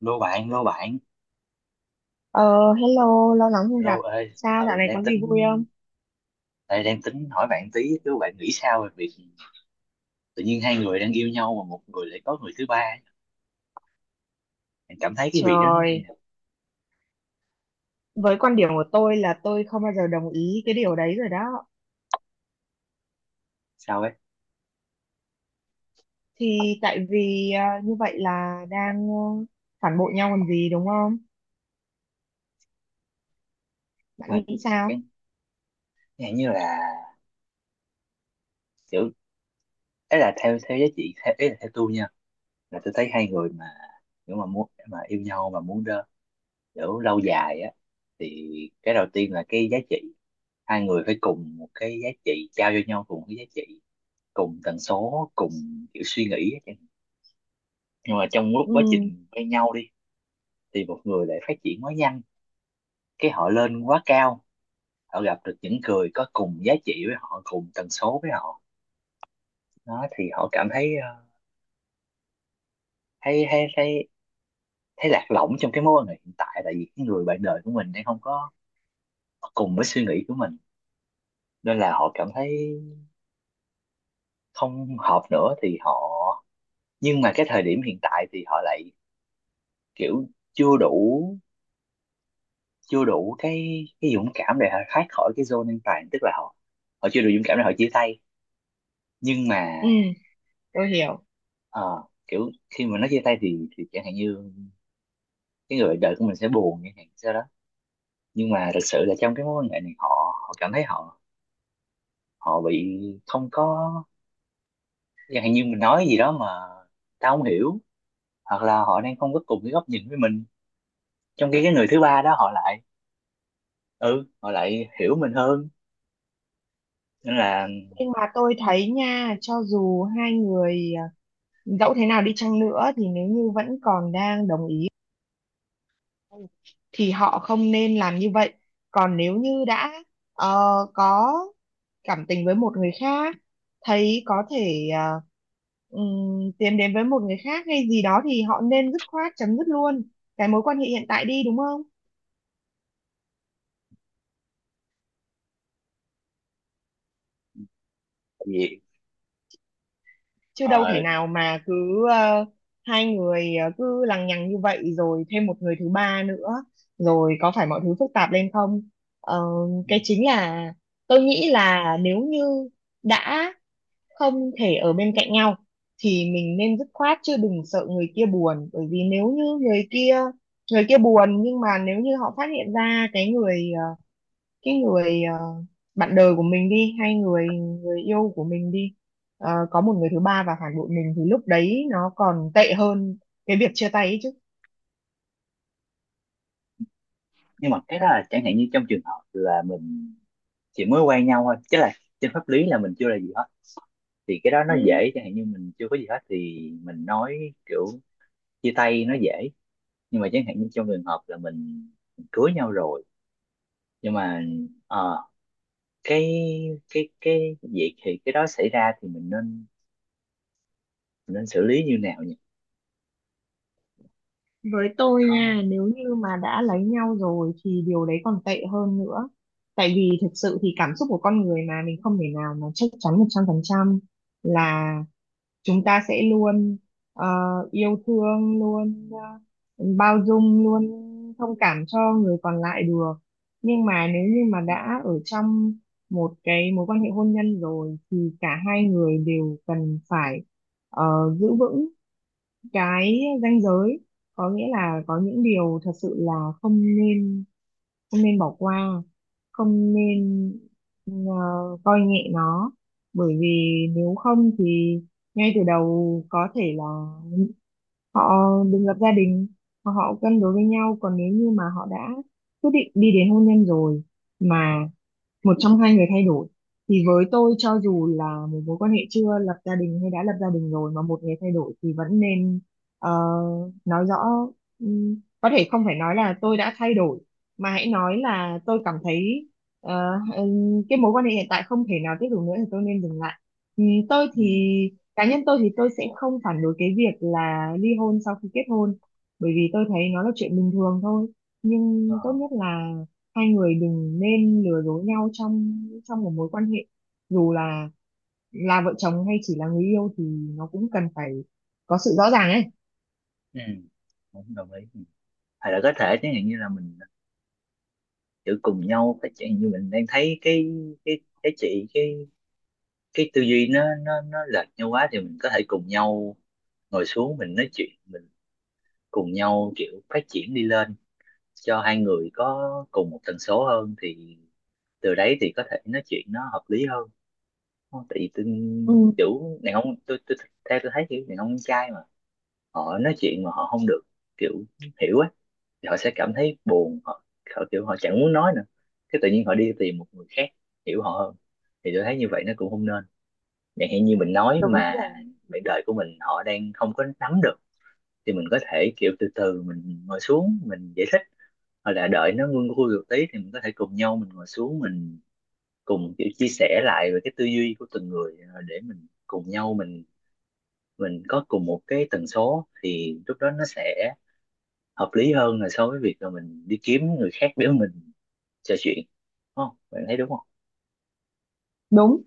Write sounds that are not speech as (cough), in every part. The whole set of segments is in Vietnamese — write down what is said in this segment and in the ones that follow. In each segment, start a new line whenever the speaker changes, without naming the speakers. Lô bạn, lô bạn,
Ờ, hello, lâu lắm không
lô
gặp.
ơi.
Sao dạo
Ừ,
này
đang
có gì vui
tính
không?
đây đang tính hỏi bạn tí, chứ bạn nghĩ sao về việc tự nhiên hai người đang yêu nhau mà một người lại có người thứ ba ấy? Bạn cảm thấy cái việc đó nó như
Trời,
nào?
với quan điểm của tôi là tôi không bao giờ đồng ý cái điều đấy rồi đó.
Sao ấy?
Thì tại vì như vậy là đang phản bội nhau còn gì đúng không? Bạn
Mình
nghĩ sao?
chẳng chẳng như là, kiểu, ấy là theo theo giá trị, theo, ấy là theo tôi nha, là tôi thấy hai người mà nếu mà muốn mà yêu nhau mà muốn kiểu lâu dài á, thì cái đầu tiên là cái giá trị, hai người phải cùng một cái giá trị trao cho nhau, cùng cái giá trị, cùng tần số, cùng kiểu suy nghĩ. Nhưng mà trong lúc quá
Ừ,
trình quen nhau đi thì một người lại phát triển quá nhanh, cái họ lên quá cao, họ gặp được những người có cùng giá trị với họ, cùng tần số với họ. Đó thì họ cảm thấy thấy thấy thấy thấy lạc lõng trong cái mối quan hệ hiện tại, tại vì cái người bạn đời của mình đang không có cùng với suy nghĩ của mình, nên là họ cảm thấy không hợp nữa thì họ. Nhưng mà cái thời điểm hiện tại thì họ lại, kiểu, chưa đủ chưa đủ cái dũng cảm để họ thoát khỏi cái zone an toàn, tức là họ họ chưa đủ dũng cảm để họ chia tay. Nhưng mà
ừ, tôi hiểu.
ờ, kiểu khi mà nó chia tay thì chẳng hạn như cái người bạn đời của mình sẽ buồn chẳng hạn sao đó. Nhưng mà thực sự là trong cái mối quan hệ này họ họ cảm thấy họ họ bị không có, chẳng hạn như mình nói gì đó mà tao không hiểu, hoặc là họ đang không có cùng cái góc nhìn với mình, trong khi cái người thứ ba đó họ lại, ừ họ lại hiểu mình hơn, nên là
Nhưng mà tôi thấy nha, cho dù hai người dẫu thế nào đi chăng nữa thì nếu như vẫn còn đang đồng ý thì họ không nên làm như vậy. Còn nếu như đã ờ, có cảm tình với một người khác, thấy có thể à, tiến đến với một người khác hay gì đó thì họ nên dứt khoát chấm dứt luôn cái mối quan hệ hiện tại đi, đúng không,
gì
chứ đâu thể
ờ,
nào mà cứ ờ, hai người cứ lằng nhằng như vậy rồi thêm một người thứ ba nữa rồi có phải mọi thứ phức tạp lên không? Ờ, cái chính là tôi nghĩ là nếu như đã không thể ở bên cạnh nhau thì mình nên dứt khoát, chứ đừng sợ người kia buồn, bởi vì nếu như người kia buồn, nhưng mà nếu như họ phát hiện ra cái người cái người ờ, bạn đời của mình đi, hay người người yêu của mình đi, có một người thứ ba và phản bội mình thì lúc đấy nó còn tệ hơn cái việc chia tay ấy
nhưng mà cái đó là chẳng hạn như trong trường hợp là mình chỉ mới quen nhau thôi, chứ là trên pháp lý là mình chưa là gì hết thì cái đó nó
chứ.
dễ. Chẳng hạn như mình chưa có gì hết thì mình nói kiểu chia tay nó dễ, nhưng mà chẳng hạn như trong trường hợp là mình cưới nhau rồi, nhưng mà ờ, cái, cái việc thì cái đó xảy ra thì mình nên xử lý như nào nhỉ?
Với tôi
Có.
nha, nếu như mà đã lấy nhau rồi thì điều đấy còn tệ hơn nữa. Tại vì thực sự thì cảm xúc của con người mà, mình không thể nào mà chắc chắn 100% là chúng ta sẽ luôn ờ, yêu thương, luôn bao dung, luôn thông cảm cho người còn lại được. Nhưng mà nếu như mà đã ở trong một cái mối quan hệ hôn nhân rồi thì cả hai người đều cần phải ờ, giữ vững cái ranh giới, có nghĩa là có những điều thật sự là không nên, không nên bỏ qua, không nên ờ, coi nhẹ nó, bởi vì nếu không thì ngay từ đầu có thể là họ đừng lập gia đình, hoặc họ cân đối với nhau. Còn nếu như mà họ đã quyết định đi đến hôn nhân rồi mà một trong hai người thay đổi, thì với tôi, cho dù là một mối quan hệ chưa lập gia đình hay đã lập gia đình rồi mà một người thay đổi thì vẫn nên ờ, nói rõ. ừm, có thể không phải nói là tôi đã thay đổi, mà hãy nói là tôi cảm thấy cái mối quan hệ hiện tại không thể nào tiếp tục nữa thì tôi nên dừng lại. Tôi
Ừ.
thì cá nhân tôi thì tôi sẽ không phản đối cái việc là ly hôn sau khi kết hôn, bởi vì tôi thấy nó là chuyện bình thường thôi,
Ờ.
nhưng tốt nhất là hai người đừng nên lừa dối nhau trong trong một mối quan hệ, dù là vợ chồng hay chỉ là người yêu thì nó cũng cần phải có sự rõ ràng ấy.
Ừ. Cũng đồng ý. Hay là có thể chẳng hạn như là mình tự cùng nhau phát triển, như mình đang thấy cái, cái chị cái tư duy nó lệch nhau quá thì mình có thể cùng nhau ngồi xuống mình nói chuyện, mình cùng nhau kiểu phát triển đi lên cho hai người có cùng một tần số hơn thì từ đấy thì có thể nói chuyện nó hợp lý hơn. Không, tại vì tôi,
Ừ,
kiểu đàn ông, tôi theo tôi thấy kiểu đàn ông trai mà họ nói chuyện mà họ không được, kiểu, hiểu á, thì họ sẽ cảm thấy buồn, họ, họ kiểu họ chẳng muốn nói nữa, cái tự nhiên họ đi tìm một người khác hiểu họ hơn thì tôi thấy như vậy nó cũng không nên. Chẳng hạn như mình nói
đúng
mà
rồi.
bạn đời của mình họ đang không có nắm được thì mình có thể kiểu từ từ mình ngồi xuống mình giải thích, hoặc là đợi nó nguôi nguôi một tí thì mình có thể cùng nhau mình ngồi xuống mình cùng kiểu chia sẻ lại về cái tư duy của từng người, để mình cùng nhau mình có cùng một cái tần số thì lúc đó nó sẽ hợp lý hơn là so với việc là mình đi kiếm người khác để mình trò chuyện. Đúng không? Bạn thấy đúng không?
Đúng.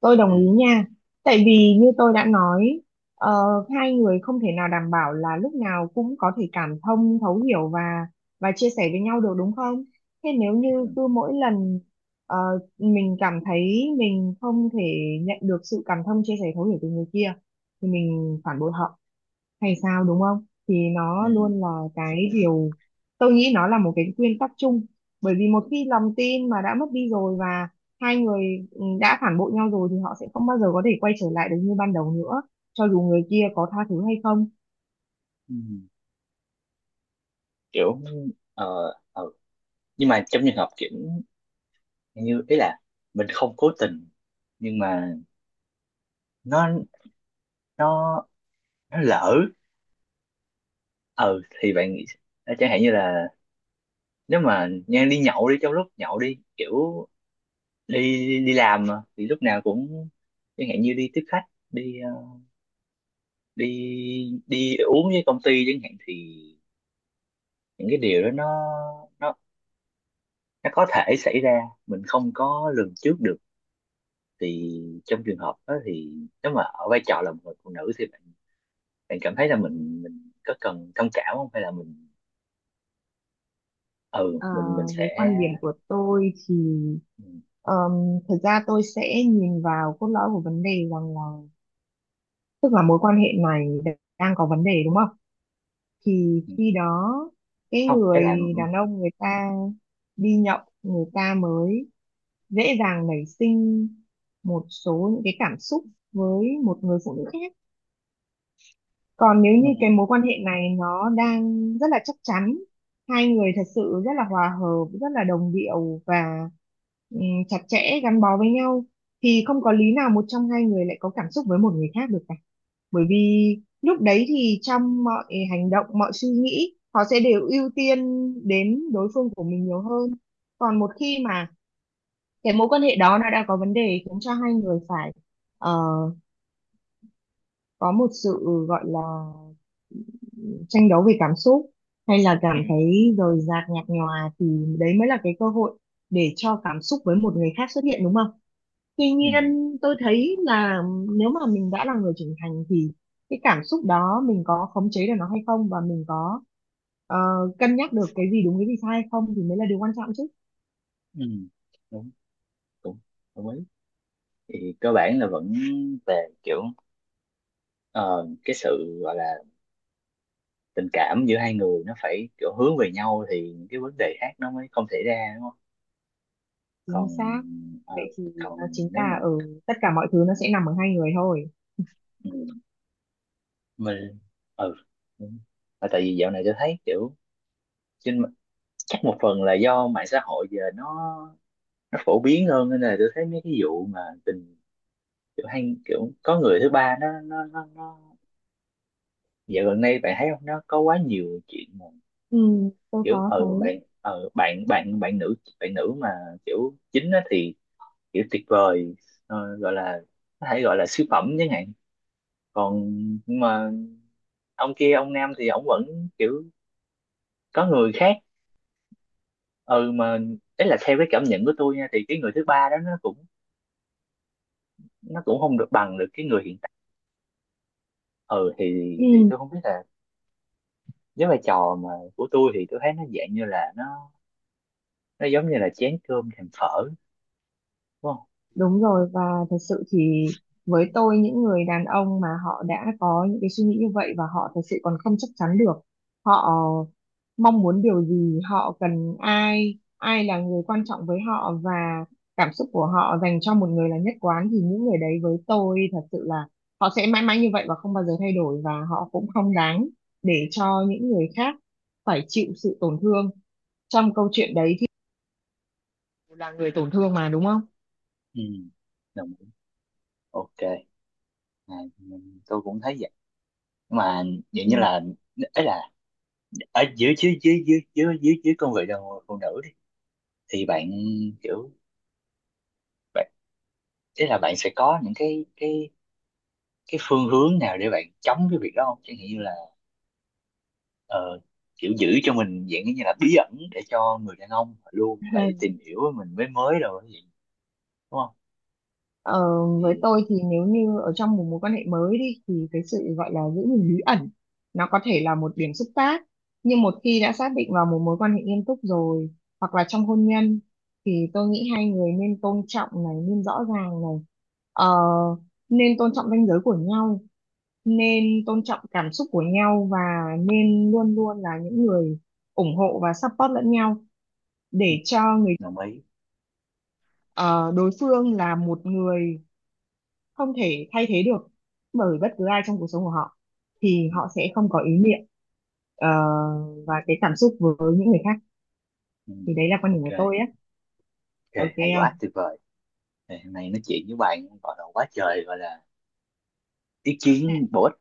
Tôi
Ừ,
đồng ý nha. Tại vì như tôi đã nói, ờ, hai người không thể nào đảm bảo là lúc nào cũng có thể cảm thông, thấu hiểu và chia sẻ với nhau được, đúng không? Thế nếu như
ừ,
cứ mỗi lần ờ, mình cảm thấy mình không thể nhận được sự cảm thông, chia sẻ, thấu hiểu từ người kia thì mình phản bội họ hay sao, đúng không? Thì nó
ừ,
luôn là cái điều, tôi nghĩ nó là một cái nguyên tắc chung, bởi vì một khi lòng tin mà đã mất đi rồi, và hai người đã phản bội nhau rồi thì họ sẽ không bao giờ có thể quay trở lại được như ban đầu nữa, cho dù người kia có tha thứ hay không.
ừ. Kiểu, ờ, ờ. Nhưng mà trong trường hợp kiểu như, ý là mình không cố tình, nhưng mà nó nó nó lỡ, ừ, thì bạn nghĩ chẳng hạn như là, nếu mà nha, đi nhậu đi, trong lúc nhậu đi, kiểu đi đi làm mà thì lúc nào cũng chẳng hạn như đi tiếp khách, đi ờ, đi đi uống với công ty chẳng hạn thì những cái điều đó nó nó có thể xảy ra, mình không có lường trước được thì trong trường hợp đó thì nếu mà ở vai trò là một người phụ nữ thì bạn cảm thấy là mình có cần thông cảm không, hay là mình,
À,
mình sẽ
với quan điểm của tôi thì ờm, thực ra tôi sẽ nhìn vào cốt lõi của vấn đề, rằng là, tức là mối quan hệ này đang có vấn đề đúng không? Thì khi đó, cái
không. Cái là,
người đàn ông người ta đi nhậu người ta mới dễ dàng nảy sinh một số những cái cảm xúc với một người phụ nữ khác. Còn nếu
ừ,
như cái mối quan hệ này nó đang rất là chắc chắn, hai người thật sự rất là hòa hợp, rất là đồng điệu và ừm, chặt chẽ gắn bó với nhau thì không có lý nào một trong hai người lại có cảm xúc với một người khác được cả. Bởi vì lúc đấy thì trong mọi hành động, mọi suy nghĩ họ sẽ đều ưu tiên đến đối phương của mình nhiều hơn. Còn một khi mà cái mối quan hệ đó nó đã có vấn đề khiến cho hai người phải ờ, có một sự gọi là tranh đấu về cảm xúc, hay là
ừ,
cảm thấy rời rạc nhạt nhòa, thì đấy mới là cái cơ hội để cho cảm xúc với một người khác xuất hiện, đúng không? Tuy
ừ,
nhiên tôi thấy là nếu mà mình đã là người trưởng thành thì cái cảm xúc đó mình có khống chế được nó hay không, và mình có ờ, cân nhắc được cái gì đúng cái gì sai hay không, thì mới là điều quan trọng chứ.
ừ, ừ. Đúng, đúng. Đồng ý. Thì cơ bản là vẫn về, kiểu, ờ, cái sự gọi là tình cảm giữa hai người nó phải kiểu hướng về nhau thì những cái vấn đề khác nó mới không xảy ra, đúng không?
Chính
Còn
xác.
ờ,
Vậy thì
còn
nó chính
nếu mà,
là ở, tất cả mọi thứ nó sẽ nằm ở hai người thôi.
ừ, mình, ừ. Đúng. Mà tại vì dạo này tôi thấy kiểu trên chắc một phần là do mạng xã hội giờ nó phổ biến hơn nên là tôi thấy mấy cái vụ mà tình, kiểu, hay kiểu có người thứ ba nó, nó. Dạo gần đây bạn thấy không, nó có quá nhiều chuyện mà,
Ừ, tôi
kiểu,
có thấy.
ờ bạn bạn bạn nữ, mà kiểu chính á thì kiểu tuyệt vời, gọi là, có thể gọi là siêu phẩm chẳng hạn. Còn, nhưng mà ông kia, ông nam thì ông vẫn, kiểu, có người khác. Ừ, mà đấy là theo cái cảm nhận của tôi nha, thì cái người thứ ba đó nó cũng không được bằng được cái người hiện tại. Ừ, thì
Ừ.
tôi không biết là với vai trò mà của tôi thì tôi thấy nó dạng như là nó giống như là chén cơm thèm phở, đúng không?
Đúng rồi, và thật sự thì với tôi, những người đàn ông mà họ đã có những cái suy nghĩ như vậy, và họ thật sự còn không chắc chắn được họ mong muốn điều gì, họ cần ai, ai là người quan trọng với họ, và cảm xúc của họ dành cho một người là nhất quán, thì những người đấy với tôi thật sự là họ sẽ mãi mãi như vậy và không bao giờ thay đổi, và họ cũng không đáng để cho những người khác phải chịu sự tổn thương. Trong câu chuyện đấy thì là người tổn thương mà, đúng không?
Ừ. Đồng ý. OK. À, tôi cũng thấy vậy mà. Vậy như
Ừ.
là, ấy là ở dưới, dưới dưới dưới dưới dưới dưới cương vị đồng phụ nữ đi thì bạn, kiểu bạn, ý là bạn sẽ có những cái, cái phương hướng nào để bạn chống cái việc đó không, chẳng hạn như là ờ, kiểu giữ cho mình dạng như là bí ẩn để cho người đàn ông luôn phải
(laughs)
tìm hiểu mình, mới mới rồi vậy, đúng không?
Ờ, với
Thì
tôi thì nếu như ở trong một mối quan hệ mới đi thì cái sự gọi là giữ gìn bí ẩn nó có thể là một điểm xúc tác, nhưng một khi đã xác định vào một mối quan hệ nghiêm túc rồi, hoặc là trong hôn nhân, thì tôi nghĩ hai người nên tôn trọng này, nên rõ ràng này. Ờ, nên tôn trọng ranh giới của nhau, nên tôn trọng cảm xúc của nhau, và nên luôn luôn là những người ủng hộ và support lẫn nhau, để cho người
đồng ý.
ờ, đối phương là một người không thể thay thế được bởi bất cứ ai trong cuộc sống của họ, thì
Ừ,
họ sẽ không có ý niệm ờ, và cái cảm xúc với những người khác.
ừ.
Thì đấy là quan điểm
OK.
của tôi á.
OK,
Ok
hay quá,
không?
tuyệt vời! Ngày hôm nay nói chuyện với bạn gọi là quá trời, gọi là ý kiến bổ ích.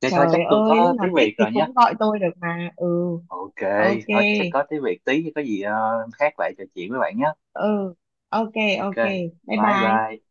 Thế thôi, chắc
Trời
tôi
ơi, lúc
có
nào
tiếng
thích
Việt
thì
rồi nhé.
cũng gọi tôi được mà. Ừ,
OK,
ok.
thôi chắc có tiếng Việt tí có gì khác lại trò chuyện với bạn nhé.
Ừ. Ok.
OK,
Ok, bye
bye
bye.
bye.